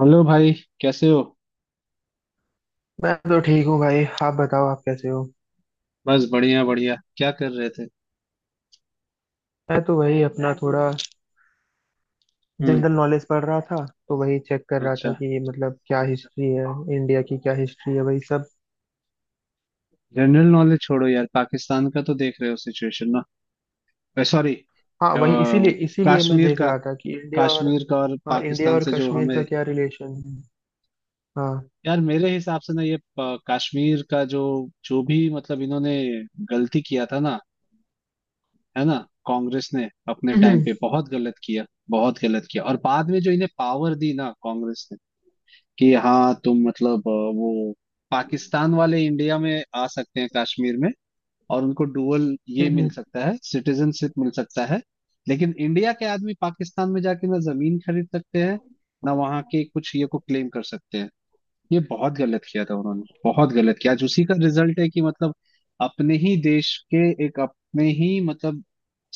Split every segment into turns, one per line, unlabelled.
Hello भाई। कैसे हो?
मैं तो ठीक हूँ भाई। आप बताओ, आप कैसे हो।
बस, बढ़िया बढ़िया। क्या कर रहे थे?
मैं तो वही अपना मैं थोड़ा
हम्म।
जनरल नॉलेज पढ़ रहा था। तो वही चेक कर रहा
अच्छा।
था कि क्या हिस्ट्री है, इंडिया की क्या हिस्ट्री है, वही सब।
जनरल नॉलेज छोड़ो यार, पाकिस्तान का तो देख रहे हो सिचुएशन ना। सॉरी।
हाँ, वही इसीलिए इसीलिए मैं
कश्मीर
देख
का।
रहा था कि इंडिया और।
कश्मीर का और
हाँ, इंडिया
पाकिस्तान
और
से जो
कश्मीर
हमें,
का क्या रिलेशन है। हाँ।
यार मेरे हिसाब से ना, ये कश्मीर का जो जो भी मतलब इन्होंने गलती किया था ना। है ना? कांग्रेस ने अपने टाइम
हम्म।
पे बहुत गलत किया। बहुत गलत किया, और बाद में जो इन्हें पावर दी ना कांग्रेस ने कि हाँ तुम मतलब वो पाकिस्तान वाले इंडिया में आ सकते हैं कश्मीर में, और उनको डुअल ये मिल
हम्म।
सकता है, सिटीजनशिप मिल सकता है। लेकिन इंडिया के आदमी पाकिस्तान में जाके ना जमीन खरीद सकते हैं, ना वहाँ के कुछ ये को क्लेम कर सकते हैं। ये बहुत गलत किया था उन्होंने, बहुत गलत किया। आज उसी का रिजल्ट है कि मतलब अपने ही देश के, एक अपने ही मतलब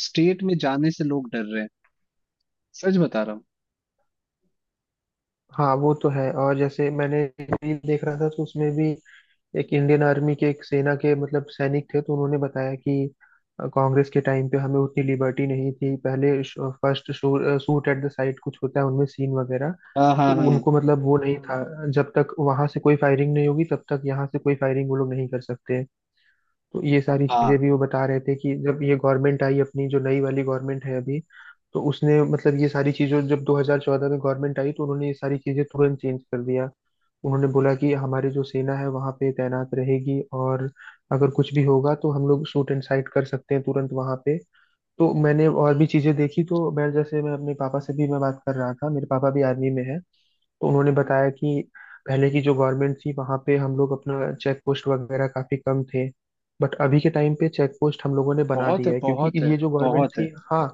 स्टेट में जाने से लोग डर रहे हैं। सच बता रहा हूँ।
हाँ, वो तो है। और जैसे मैंने रील देख रहा था तो उसमें भी एक इंडियन आर्मी के, एक सेना के सैनिक थे, तो उन्होंने बताया कि कांग्रेस के टाइम पे हमें उतनी लिबर्टी नहीं थी पहले। First shoot at the sight कुछ होता है उनमें, सीन वगैरह।
हाँ
तो
हाँ हाँ
उनको मतलब वो नहीं था, जब तक वहां से कोई फायरिंग नहीं होगी तब तक यहाँ से कोई फायरिंग वो लोग नहीं कर सकते। तो ये सारी चीजें
हाँ।
भी वो बता रहे थे कि जब ये गवर्नमेंट आई, अपनी जो नई वाली गवर्नमेंट है अभी, तो उसने ये सारी चीजों, जब 2014 में गवर्नमेंट आई तो उन्होंने ये सारी चीजें तुरंत चेंज कर दिया। उन्होंने बोला कि हमारी जो सेना है वहां पे तैनात रहेगी, और अगर कुछ भी होगा तो हम लोग शूट एंड साइट कर सकते हैं तुरंत वहां पे। तो मैंने और भी चीजें देखी। तो मैं जैसे मैं अपने पापा से भी मैं बात कर रहा था, मेरे पापा भी आर्मी में है। तो उन्होंने बताया कि पहले की जो गवर्नमेंट थी वहां पे हम लोग अपना चेक पोस्ट वगैरह काफी कम थे। बट अभी के टाइम पे चेक पोस्ट हम लोगों ने बना
बहुत है,
दिया है, क्योंकि
बहुत है,
ये जो गवर्नमेंट
बहुत है।
थी। हाँ,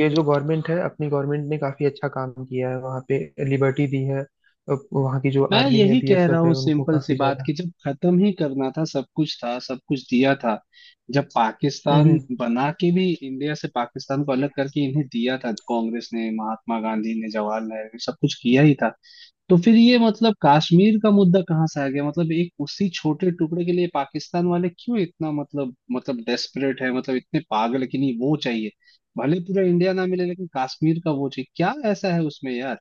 ये जो गवर्नमेंट है अपनी, गवर्नमेंट ने काफी अच्छा काम किया है वहाँ पे। लिबर्टी दी है अब वहाँ की जो
मैं
आर्मी है,
यही कह रहा
बीएसएफ है,
हूँ,
उनको
सिंपल सी
काफी
बात,
ज्यादा।
कि जब खत्म ही करना था सब कुछ था, सब कुछ दिया था। जब
हम्म।
पाकिस्तान
हम्म।
बना के भी इंडिया से पाकिस्तान को अलग करके इन्हें दिया था, कांग्रेस ने, महात्मा गांधी ने, जवाहरलाल ने सब कुछ किया ही था। तो फिर ये मतलब कश्मीर का मुद्दा कहाँ से आ गया? मतलब एक उसी छोटे टुकड़े के लिए पाकिस्तान वाले क्यों इतना मतलब डेस्परेट है, मतलब इतने पागल है कि नहीं वो चाहिए। भले पूरा इंडिया ना मिले, लेकिन कश्मीर का वो चाहिए। क्या ऐसा है उसमें यार?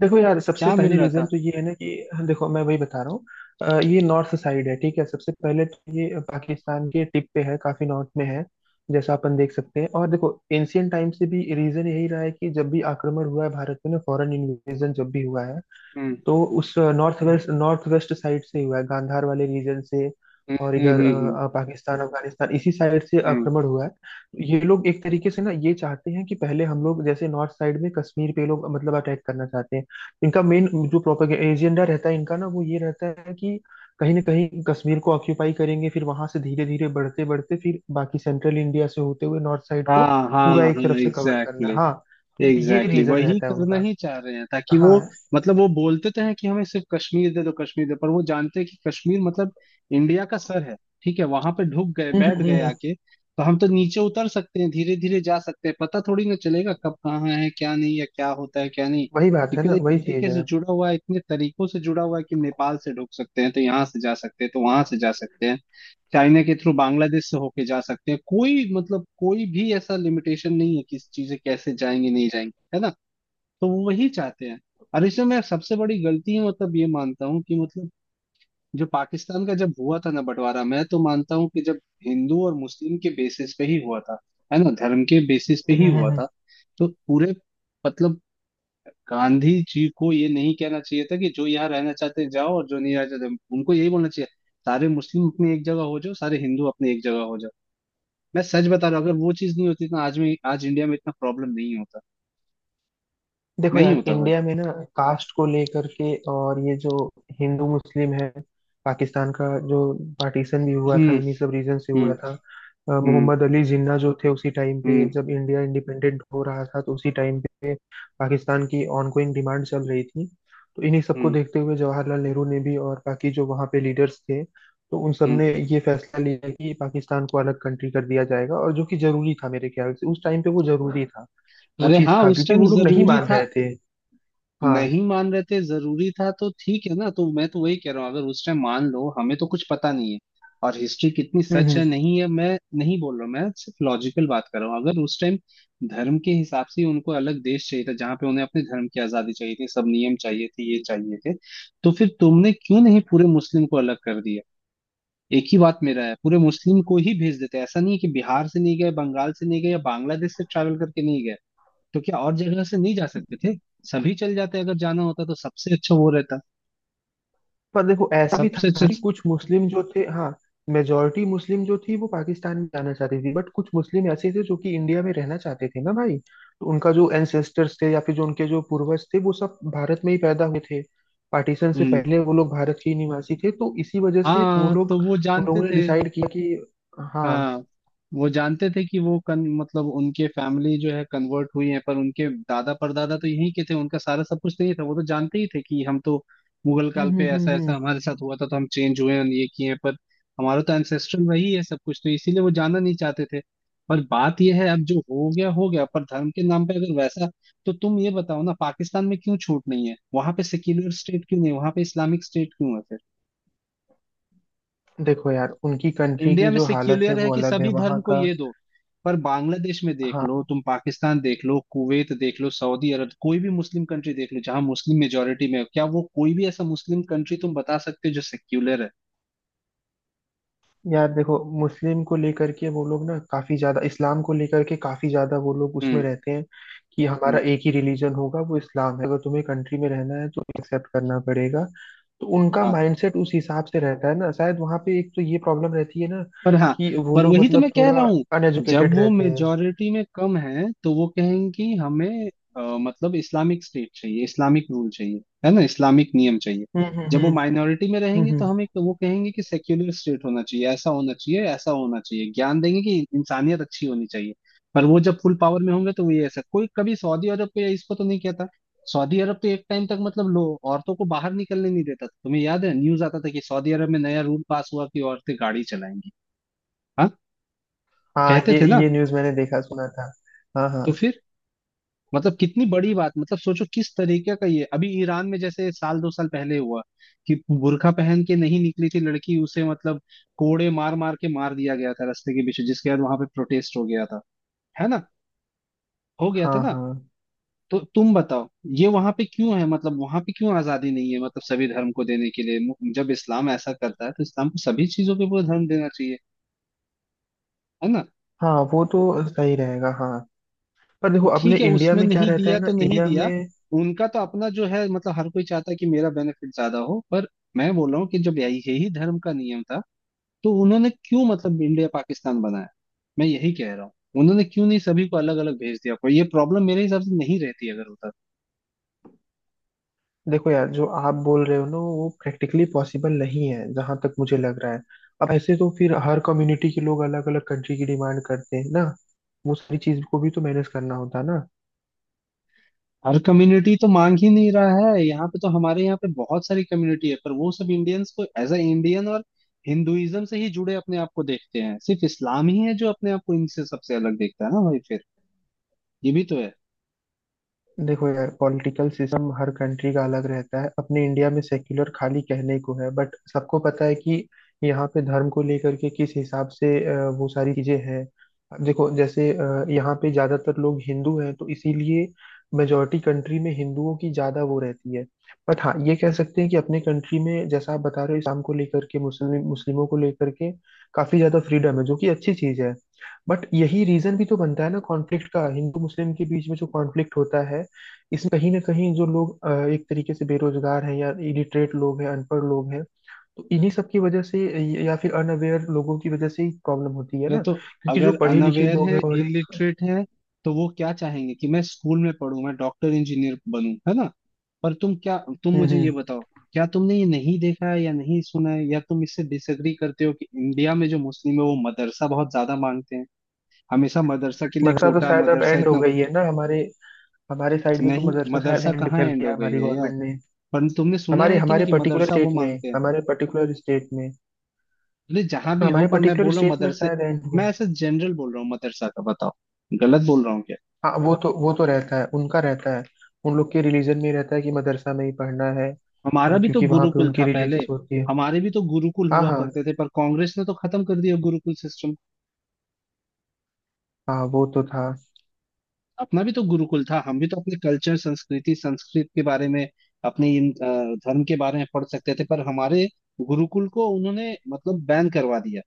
देखो यार, सबसे
क्या
पहले
मिल रहा
रीजन
था?
तो ये है ना कि, देखो मैं वही बता रहा हूँ। ये नॉर्थ साइड है ठीक है, सबसे पहले तो ये पाकिस्तान के टिप पे है, काफी नॉर्थ में है जैसा अपन देख सकते हैं। और देखो एंशियंट टाइम से भी रीजन यही रहा है कि जब भी आक्रमण हुआ है भारत में ना, फॉरेन इन्वेजन जब भी हुआ है
हम्म।
तो उस नॉर्थ वेस्ट साइड से ही हुआ है, गांधार वाले रीजन से।
हम्म
और
हम्म
इधर
हम्म हम्म।
पाकिस्तान, अफगानिस्तान इसी साइड से
हम्म।
आक्रमण हुआ है। तो ये लोग एक तरीके से ना, ये चाहते हैं कि पहले हम लोग जैसे नॉर्थ साइड में कश्मीर पे ये लोग अटैक करना चाहते हैं। इनका मेन जो प्रोपेगेंडा एजेंडा रहता है इनका ना, वो ये रहता है कि कहीं ना कहीं कश्मीर को ऑक्यूपाई करेंगे, फिर वहां से धीरे धीरे बढ़ते बढ़ते फिर बाकी सेंट्रल इंडिया से होते हुए नॉर्थ साइड को
हाँ हाँ
पूरा
हाँ।
एक तरफ से कवर करना।
एग्जैक्टली।
हाँ, तो ये
एग्जैक्टली,
रीजन
वही
रहता है
करना
उनका।
ही चाह रहे हैं ताकि वो,
हाँ,
मतलब वो बोलते तो हैं कि हमें सिर्फ कश्मीर दे दो, कश्मीर दे, पर वो जानते हैं कि कश्मीर मतलब इंडिया का सर है। ठीक है, वहां पे ढुक गए, बैठ गए आके, तो हम तो नीचे उतर सकते हैं, धीरे धीरे जा सकते हैं, पता थोड़ी ना चलेगा कब कहाँ है, क्या नहीं, या क्या होता है क्या नहीं।
वही बात है
क्योंकि वो
ना,
इस
वही चीज
तरीके
है।
से जुड़ा हुआ है, इतने तरीकों से जुड़ा हुआ है कि नेपाल से ढुक सकते हैं तो यहाँ से जा सकते हैं, तो वहां से जा सकते हैं, चाइना के थ्रू बांग्लादेश से होके जा सकते हैं। कोई मतलब कोई भी ऐसा लिमिटेशन नहीं है कि चीजें कैसे जाएंगी नहीं जाएंगी। है ना? तो वो वही चाहते हैं। और इसमें मैं सबसे बड़ी गलती है मतलब, ये मानता हूँ कि मतलब जो पाकिस्तान का जब हुआ था ना बंटवारा, मैं तो मानता हूँ कि जब हिंदू और मुस्लिम के बेसिस पे ही हुआ था, है ना, धर्म के बेसिस पे ही हुआ
हम्म।
था, तो पूरे मतलब गांधी जी को ये नहीं कहना चाहिए था कि जो यहाँ रहना चाहते हैं जाओ और जो नहीं रहना चाहते, उनको यही बोलना चाहिए, सारे मुस्लिम अपनी एक जगह हो जाओ, सारे हिंदू अपनी एक जगह हो जाओ। मैं सच बता रहा हूँ, अगर वो चीज नहीं होती तो आज इंडिया में इतना प्रॉब्लम नहीं होता।
देखो
नहीं
यार,
होता भाई।
इंडिया में ना कास्ट को लेकर के और ये जो हिंदू मुस्लिम है, पाकिस्तान का जो पार्टीशन भी हुआ था
हम्म
इन्हीं सब रीजन से
हम्म
हुआ था।
हम्म
मोहम्मद अली जिन्ना जो थे, उसी टाइम पे
हम्म
जब इंडिया इंडिपेंडेंट हो रहा था तो उसी टाइम पे पाकिस्तान की ऑनगोइंग डिमांड चल रही थी। तो इन्हीं सबको
हम्म
देखते हुए जवाहरलाल नेहरू ने भी और बाकी जो वहाँ पे लीडर्स थे, तो उन सब
हम्म।
ने ये फैसला लिया कि पाकिस्तान को अलग कंट्री कर दिया जाएगा। और जो कि जरूरी था मेरे ख्याल से, उस टाइम पे वो जरूरी था। वो
अरे
चीज
हाँ,
था
उस
क्योंकि
टाइम
वो लोग नहीं
जरूरी
मान
था।
रहे थे। हाँ।
नहीं मान रहे थे, जरूरी था, तो ठीक है ना। तो मैं तो वही कह रहा हूँ, अगर उस टाइम मान लो, हमें तो कुछ पता नहीं है और हिस्ट्री कितनी
हम्म।
सच है
हम्म।
नहीं है, मैं नहीं बोल रहा हूँ, मैं सिर्फ लॉजिकल बात कर रहा हूँ। अगर उस टाइम धर्म के हिसाब से उनको अलग देश चाहिए था, जहाँ पे उन्हें अपने धर्म की आजादी चाहिए थी, सब नियम चाहिए थे, ये चाहिए थे, तो फिर तुमने क्यों नहीं पूरे मुस्लिम को अलग कर दिया? एक ही बात मेरा है, पूरे मुस्लिम को ही भेज देते हैं। ऐसा नहीं है कि बिहार से नहीं गए, बंगाल से नहीं गए, या बांग्लादेश से ट्रैवल करके नहीं गए, तो क्या और जगह से नहीं जा सकते थे? सभी चल जाते अगर जाना होता, तो सबसे अच्छा वो रहता,
पर देखो ऐसा भी
सबसे अच्छा।
था कि कुछ मुस्लिम जो थे, हाँ, मेजोरिटी मुस्लिम जो थी वो पाकिस्तान में जाना चाहती थी, बट कुछ मुस्लिम ऐसे थे जो कि इंडिया में रहना चाहते थे ना भाई। तो उनका जो एंसेस्टर्स थे या फिर जो उनके जो पूर्वज थे वो सब भारत में ही पैदा हुए थे, पार्टीशन से
हम्म।
पहले वो लोग भारत के ही निवासी थे। तो इसी वजह से वो
हाँ, तो
लोग,
वो
उन
जानते
लोगों ने
थे।
डिसाइड किया कि। हाँ।
हाँ, वो जानते थे कि वो कन मतलब उनके फैमिली जो है कन्वर्ट हुई है, पर उनके दादा परदादा तो यहीं के थे, उनका सारा सब कुछ नहीं था। वो तो जानते ही थे कि हम तो मुगल
हम्म
काल पे
हम्म हम्म
ऐसा ऐसा
हम्म।
हमारे साथ हुआ था, तो हम चेंज हुए हैं, ये किए हैं, पर हमारा तो एंसेस्ट्रल वही है सब कुछ, तो इसीलिए वो जाना नहीं चाहते थे। पर बात यह है, अब जो हो गया हो गया, पर धर्म के नाम पे अगर वैसा, तो तुम ये बताओ ना, पाकिस्तान में क्यों छूट नहीं है, वहां पे सेक्युलर स्टेट क्यों नहीं है, वहां पे इस्लामिक स्टेट क्यों है?
देखो यार, उनकी कंट्री
इंडिया
की
में
जो हालत है
सेक्युलर है
वो
कि
अलग है
सभी
वहाँ
धर्म को
का।
ये दो, पर बांग्लादेश में देख लो
हाँ
तुम, पाकिस्तान देख लो, कुवैत देख लो, सऊदी अरब, कोई भी मुस्लिम कंट्री देख लो जहां मुस्लिम मेजोरिटी में हो, क्या वो कोई भी ऐसा मुस्लिम कंट्री तुम बता सकते हो जो सेक्युलर है?
यार, देखो मुस्लिम को लेकर के वो लोग ना काफी ज्यादा इस्लाम को लेकर के, काफी ज्यादा वो लोग उसमें
हम्म।
रहते हैं कि हमारा
हम्म।
एक ही रिलीजन होगा, वो इस्लाम है। अगर तुम्हें कंट्री में रहना है तो एक्सेप्ट करना पड़ेगा। तो उनका
हाँ।
माइंडसेट उस हिसाब से रहता है ना शायद। वहां पे एक तो ये प्रॉब्लम रहती है ना
पर हाँ,
कि वो
पर
लोग
वही तो मैं कह
थोड़ा
रहा हूँ, जब
अनएजुकेटेड
वो
रहते हैं।
मेजोरिटी में कम है तो वो कहेंगी हमें मतलब इस्लामिक स्टेट चाहिए, इस्लामिक रूल चाहिए, है ना, इस्लामिक नियम चाहिए। जब वो
हम्म।
माइनॉरिटी में
हम्म,
रहेंगे तो
हम्म।
हमें वो कहेंगे कि सेक्युलर स्टेट होना चाहिए, ऐसा होना चाहिए, ऐसा होना चाहिए, ज्ञान देंगे कि इंसानियत अच्छी होनी चाहिए। पर वो जब फुल पावर में होंगे तो वो ये ऐसा कोई कभी सऊदी अरब को या इसको तो नहीं कहता। सऊदी अरब तो एक टाइम तक मतलब लो, औरतों को बाहर निकलने नहीं देता था। तुम्हें याद है, न्यूज आता था कि सऊदी अरब में नया रूल पास हुआ कि औरतें गाड़ी चलाएंगी। हाँ,
हाँ,
कहते थे ना।
ये न्यूज मैंने देखा, सुना था। हाँ, हाँ।
तो फिर मतलब कितनी बड़ी बात, मतलब सोचो किस तरीके का। ये अभी ईरान में जैसे साल 2 साल पहले हुआ कि बुर्का पहन के नहीं निकली थी लड़की, उसे मतलब कोड़े मार मार के मार दिया गया था रास्ते के पीछे, जिसके बाद वहां पे प्रोटेस्ट हो गया था। है ना, हो गया था
हाँ,
ना।
हाँ।
तो तुम बताओ, ये वहां पे क्यों है, मतलब वहां पे क्यों आजादी नहीं है? मतलब सभी धर्म को देने के लिए जब इस्लाम ऐसा करता है, तो इस्लाम को सभी चीजों के पूरा धर्म देना चाहिए। है ना?
हाँ, वो तो सही रहेगा। हाँ, पर देखो
तो
अपने
ठीक है,
इंडिया
उसमें
में क्या
नहीं
रहता है
दिया
ना,
तो नहीं
इंडिया
दिया।
में,
उनका तो अपना जो है मतलब हर कोई चाहता है कि मेरा बेनिफिट ज्यादा हो, पर मैं बोल रहा हूँ कि जब यही यही धर्म का नियम था, तो उन्होंने क्यों मतलब इंडिया पाकिस्तान बनाया? मैं यही कह रहा हूँ, उन्होंने क्यों नहीं सभी को अलग अलग भेज दिया, कोई ये प्रॉब्लम मेरे हिसाब से नहीं रहती अगर होता
देखो यार जो आप बोल रहे हो ना वो प्रैक्टिकली पॉसिबल नहीं है जहां तक मुझे लग रहा है। अब ऐसे तो फिर हर कम्युनिटी के लोग अलग अलग कंट्री की डिमांड करते हैं ना। वो सारी चीज को भी तो मैनेज करना होता है ना।
तो। हर कम्युनिटी तो मांग ही नहीं रहा है, यहाँ पे तो हमारे यहाँ पे बहुत सारी कम्युनिटी है, पर वो सब इंडियंस को एज अ इंडियन और हिंदुइज्म से ही जुड़े अपने आप को देखते हैं। सिर्फ इस्लाम ही है जो अपने आप को इनसे सबसे अलग देखता है ना भाई, फिर ये भी तो है।
देखो यार, पॉलिटिकल सिस्टम हर कंट्री का अलग रहता है। अपने इंडिया में सेक्युलर खाली कहने को है, बट सबको पता है कि यहाँ पे धर्म को लेकर के किस हिसाब से वो सारी चीजें हैं। अब देखो जैसे यहाँ पे ज्यादातर लोग हिंदू हैं तो इसीलिए मेजोरिटी कंट्री में हिंदुओं की ज्यादा वो रहती है। बट हाँ, ये कह सकते हैं कि अपने कंट्री में जैसा आप बता रहे हो इस्लाम को लेकर के, मुस्लिमों को लेकर के काफी ज्यादा फ्रीडम है, जो कि अच्छी चीज है। बट यही रीजन भी तो बनता है ना कॉन्फ्लिक्ट का, हिंदू मुस्लिम के बीच में जो कॉन्फ्लिक्ट होता है इसमें कहीं ना कहीं जो लोग एक तरीके से बेरोजगार हैं या इलिटरेट लोग हैं, अनपढ़ लोग हैं, तो इन्हीं सब की वजह से या फिर अनअवेयर लोगों की वजह से ही प्रॉब्लम होती है
अरे
ना।
तो
क्योंकि जो
अगर
पढ़े लिखे
अनअवेयर
लोग
है,
हैं और एक।
इलिटरेट है, तो वो क्या चाहेंगे कि मैं स्कूल में पढूं, मैं डॉक्टर इंजीनियर बनूं, है ना? पर तुम
हम्म।
मुझे ये
हम्म।
बताओ, क्या तुमने ये नहीं देखा है या नहीं सुना है या तुम इससे डिसएग्री करते हो कि इंडिया में जो मुस्लिम है वो मदरसा बहुत ज्यादा मांगते हैं? हमेशा मदरसा के लिए
मदरसा तो
कोटा,
शायद अब
मदरसा
एंड हो
इतना।
गई है ना, हमारे, हमारे साइड में तो
नहीं
मदरसा शायद
मदरसा
एंड
कहाँ
कर
एंड
दिया
हो गई
हमारी
है यार।
गवर्नमेंट ने।
पर तुमने सुना
हमारे
है कि नहीं
हमारे
कि
पर्टिकुलर
मदरसा वो
स्टेट में,
मांगते हैं?
हमारे पर्टिकुलर स्टेट में।
अरे जहां भी
हाँ,
हो,
हमारे
पर मैं
पर्टिकुलर
बोल रहा हूँ
स्टेट में
मदरसे,
शायद एंड हुआ।
मैं ऐसे जनरल बोल रहा हूँ मदरसा का बताओ, गलत बोल रहा हूँ क्या?
हाँ, वो तो रहता है उनका, रहता है उन लोग के रिलीजन में रहता है कि मदरसा में ही पढ़ना है।
हमारा भी तो
क्योंकि वहां पे
गुरुकुल
उनकी
था पहले,
रिलीजियस होती है।
हमारे भी तो गुरुकुल
हाँ,
हुआ
हाँ।
करते थे, पर कांग्रेस ने तो खत्म कर दिया गुरुकुल सिस्टम।
हाँ, वो तो था।
अपना भी तो गुरुकुल था, हम भी तो अपने कल्चर, संस्कृति, संस्कृत के बारे में, अपने धर्म के बारे में पढ़ सकते थे, पर हमारे गुरुकुल को उन्होंने मतलब बैन करवा दिया।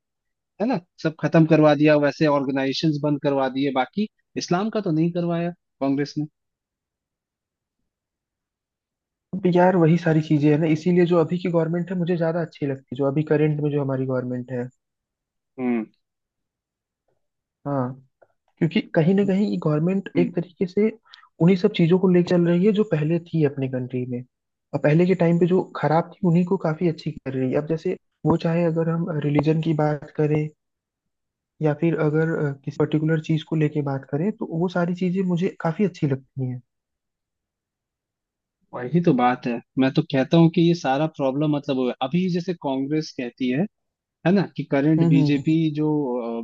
है ना? सब खत्म करवा दिया, वैसे ऑर्गेनाइजेशंस बंद करवा दिए बाकी। इस्लाम का तो नहीं करवाया कांग्रेस ने।
अब यार वही सारी चीजें है ना, इसीलिए जो अभी की गवर्नमेंट है मुझे ज्यादा अच्छी लगती है, जो अभी करंट में जो हमारी गवर्नमेंट है।
हम्म,
हाँ, क्योंकि कहीं ना कहीं ये गवर्नमेंट
हम्म।
एक तरीके से उन्हीं सब चीजों को ले चल रही है जो पहले थी अपने कंट्री में। और पहले के टाइम पे जो खराब थी उन्हीं को काफी अच्छी कर रही है। अब जैसे वो चाहे अगर हम रिलीजन की बात करें या फिर अगर किसी पर्टिकुलर चीज को लेके बात करें, तो वो सारी चीजें मुझे काफी अच्छी लगती हैं।
वही तो बात है। मैं तो कहता हूँ कि ये सारा प्रॉब्लम मतलब वो है। अभी जैसे कांग्रेस कहती है ना, कि करंट
हम्म।
बीजेपी
हम्म।
जो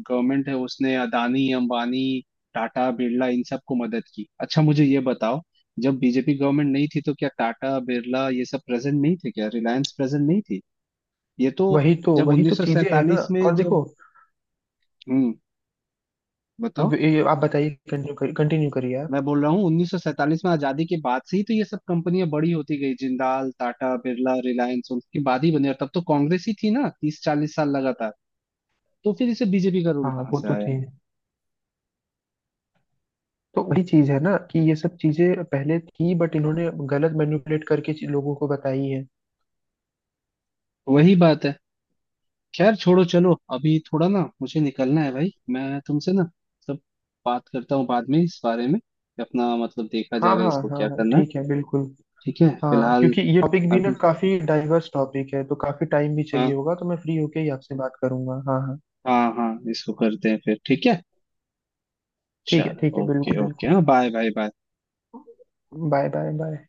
गवर्नमेंट है उसने अदानी, अंबानी, टाटा, बिरला इन सबको मदद की। अच्छा मुझे ये बताओ, जब बीजेपी गवर्नमेंट नहीं थी तो क्या टाटा बिरला ये सब प्रेजेंट नहीं थे, क्या रिलायंस प्रेजेंट नहीं थी? ये तो
वही तो
जब
वही तो चीजें हैं ना।
1947 में
और
जब,
देखो,
हम्म,
अब
बताओ।
ये आप बताइए, कंटिन्यू करिए आप।
मैं बोल रहा हूँ 1947 में आजादी के बाद से ही तो ये सब कंपनियां बड़ी होती गई, जिंदाल, टाटा, बिरला, रिलायंस उनके बाद ही बनी, और तब तो कांग्रेस ही थी ना 30 40 साल लगातार। तो फिर इसे बीजेपी का रूल
हाँ,
कहाँ
वो
से
तो
आया?
थी, तो वही चीज है ना कि ये सब चीजें पहले थी, बट इन्होंने गलत मैनिपुलेट करके लोगों को बताई है।
वही बात है। खैर छोड़ो, चलो अभी थोड़ा ना मुझे निकलना है भाई, मैं तुमसे ना सब बात करता हूँ बाद में इस बारे में कि अपना मतलब देखा
हाँ,
जाएगा
हाँ
इसको क्या
हाँ हाँ,
करना है।
ठीक है बिल्कुल।
ठीक है,
हाँ
फिलहाल
क्योंकि ये टॉपिक भी ना
अभी।
काफी डाइवर्स टॉपिक है, तो काफी टाइम भी
हाँ।
चाहिए होगा, तो मैं फ्री होके ही आपसे बात करूंगा। हाँ, हाँ।
हाँ हाँ, इसको करते हैं फिर, ठीक है।
ठीक है,
चलो,
ठीक है,
ओके
बिल्कुल
ओके,
बिल्कुल।
हाँ, bye bye bye.
Bye, bye, bye.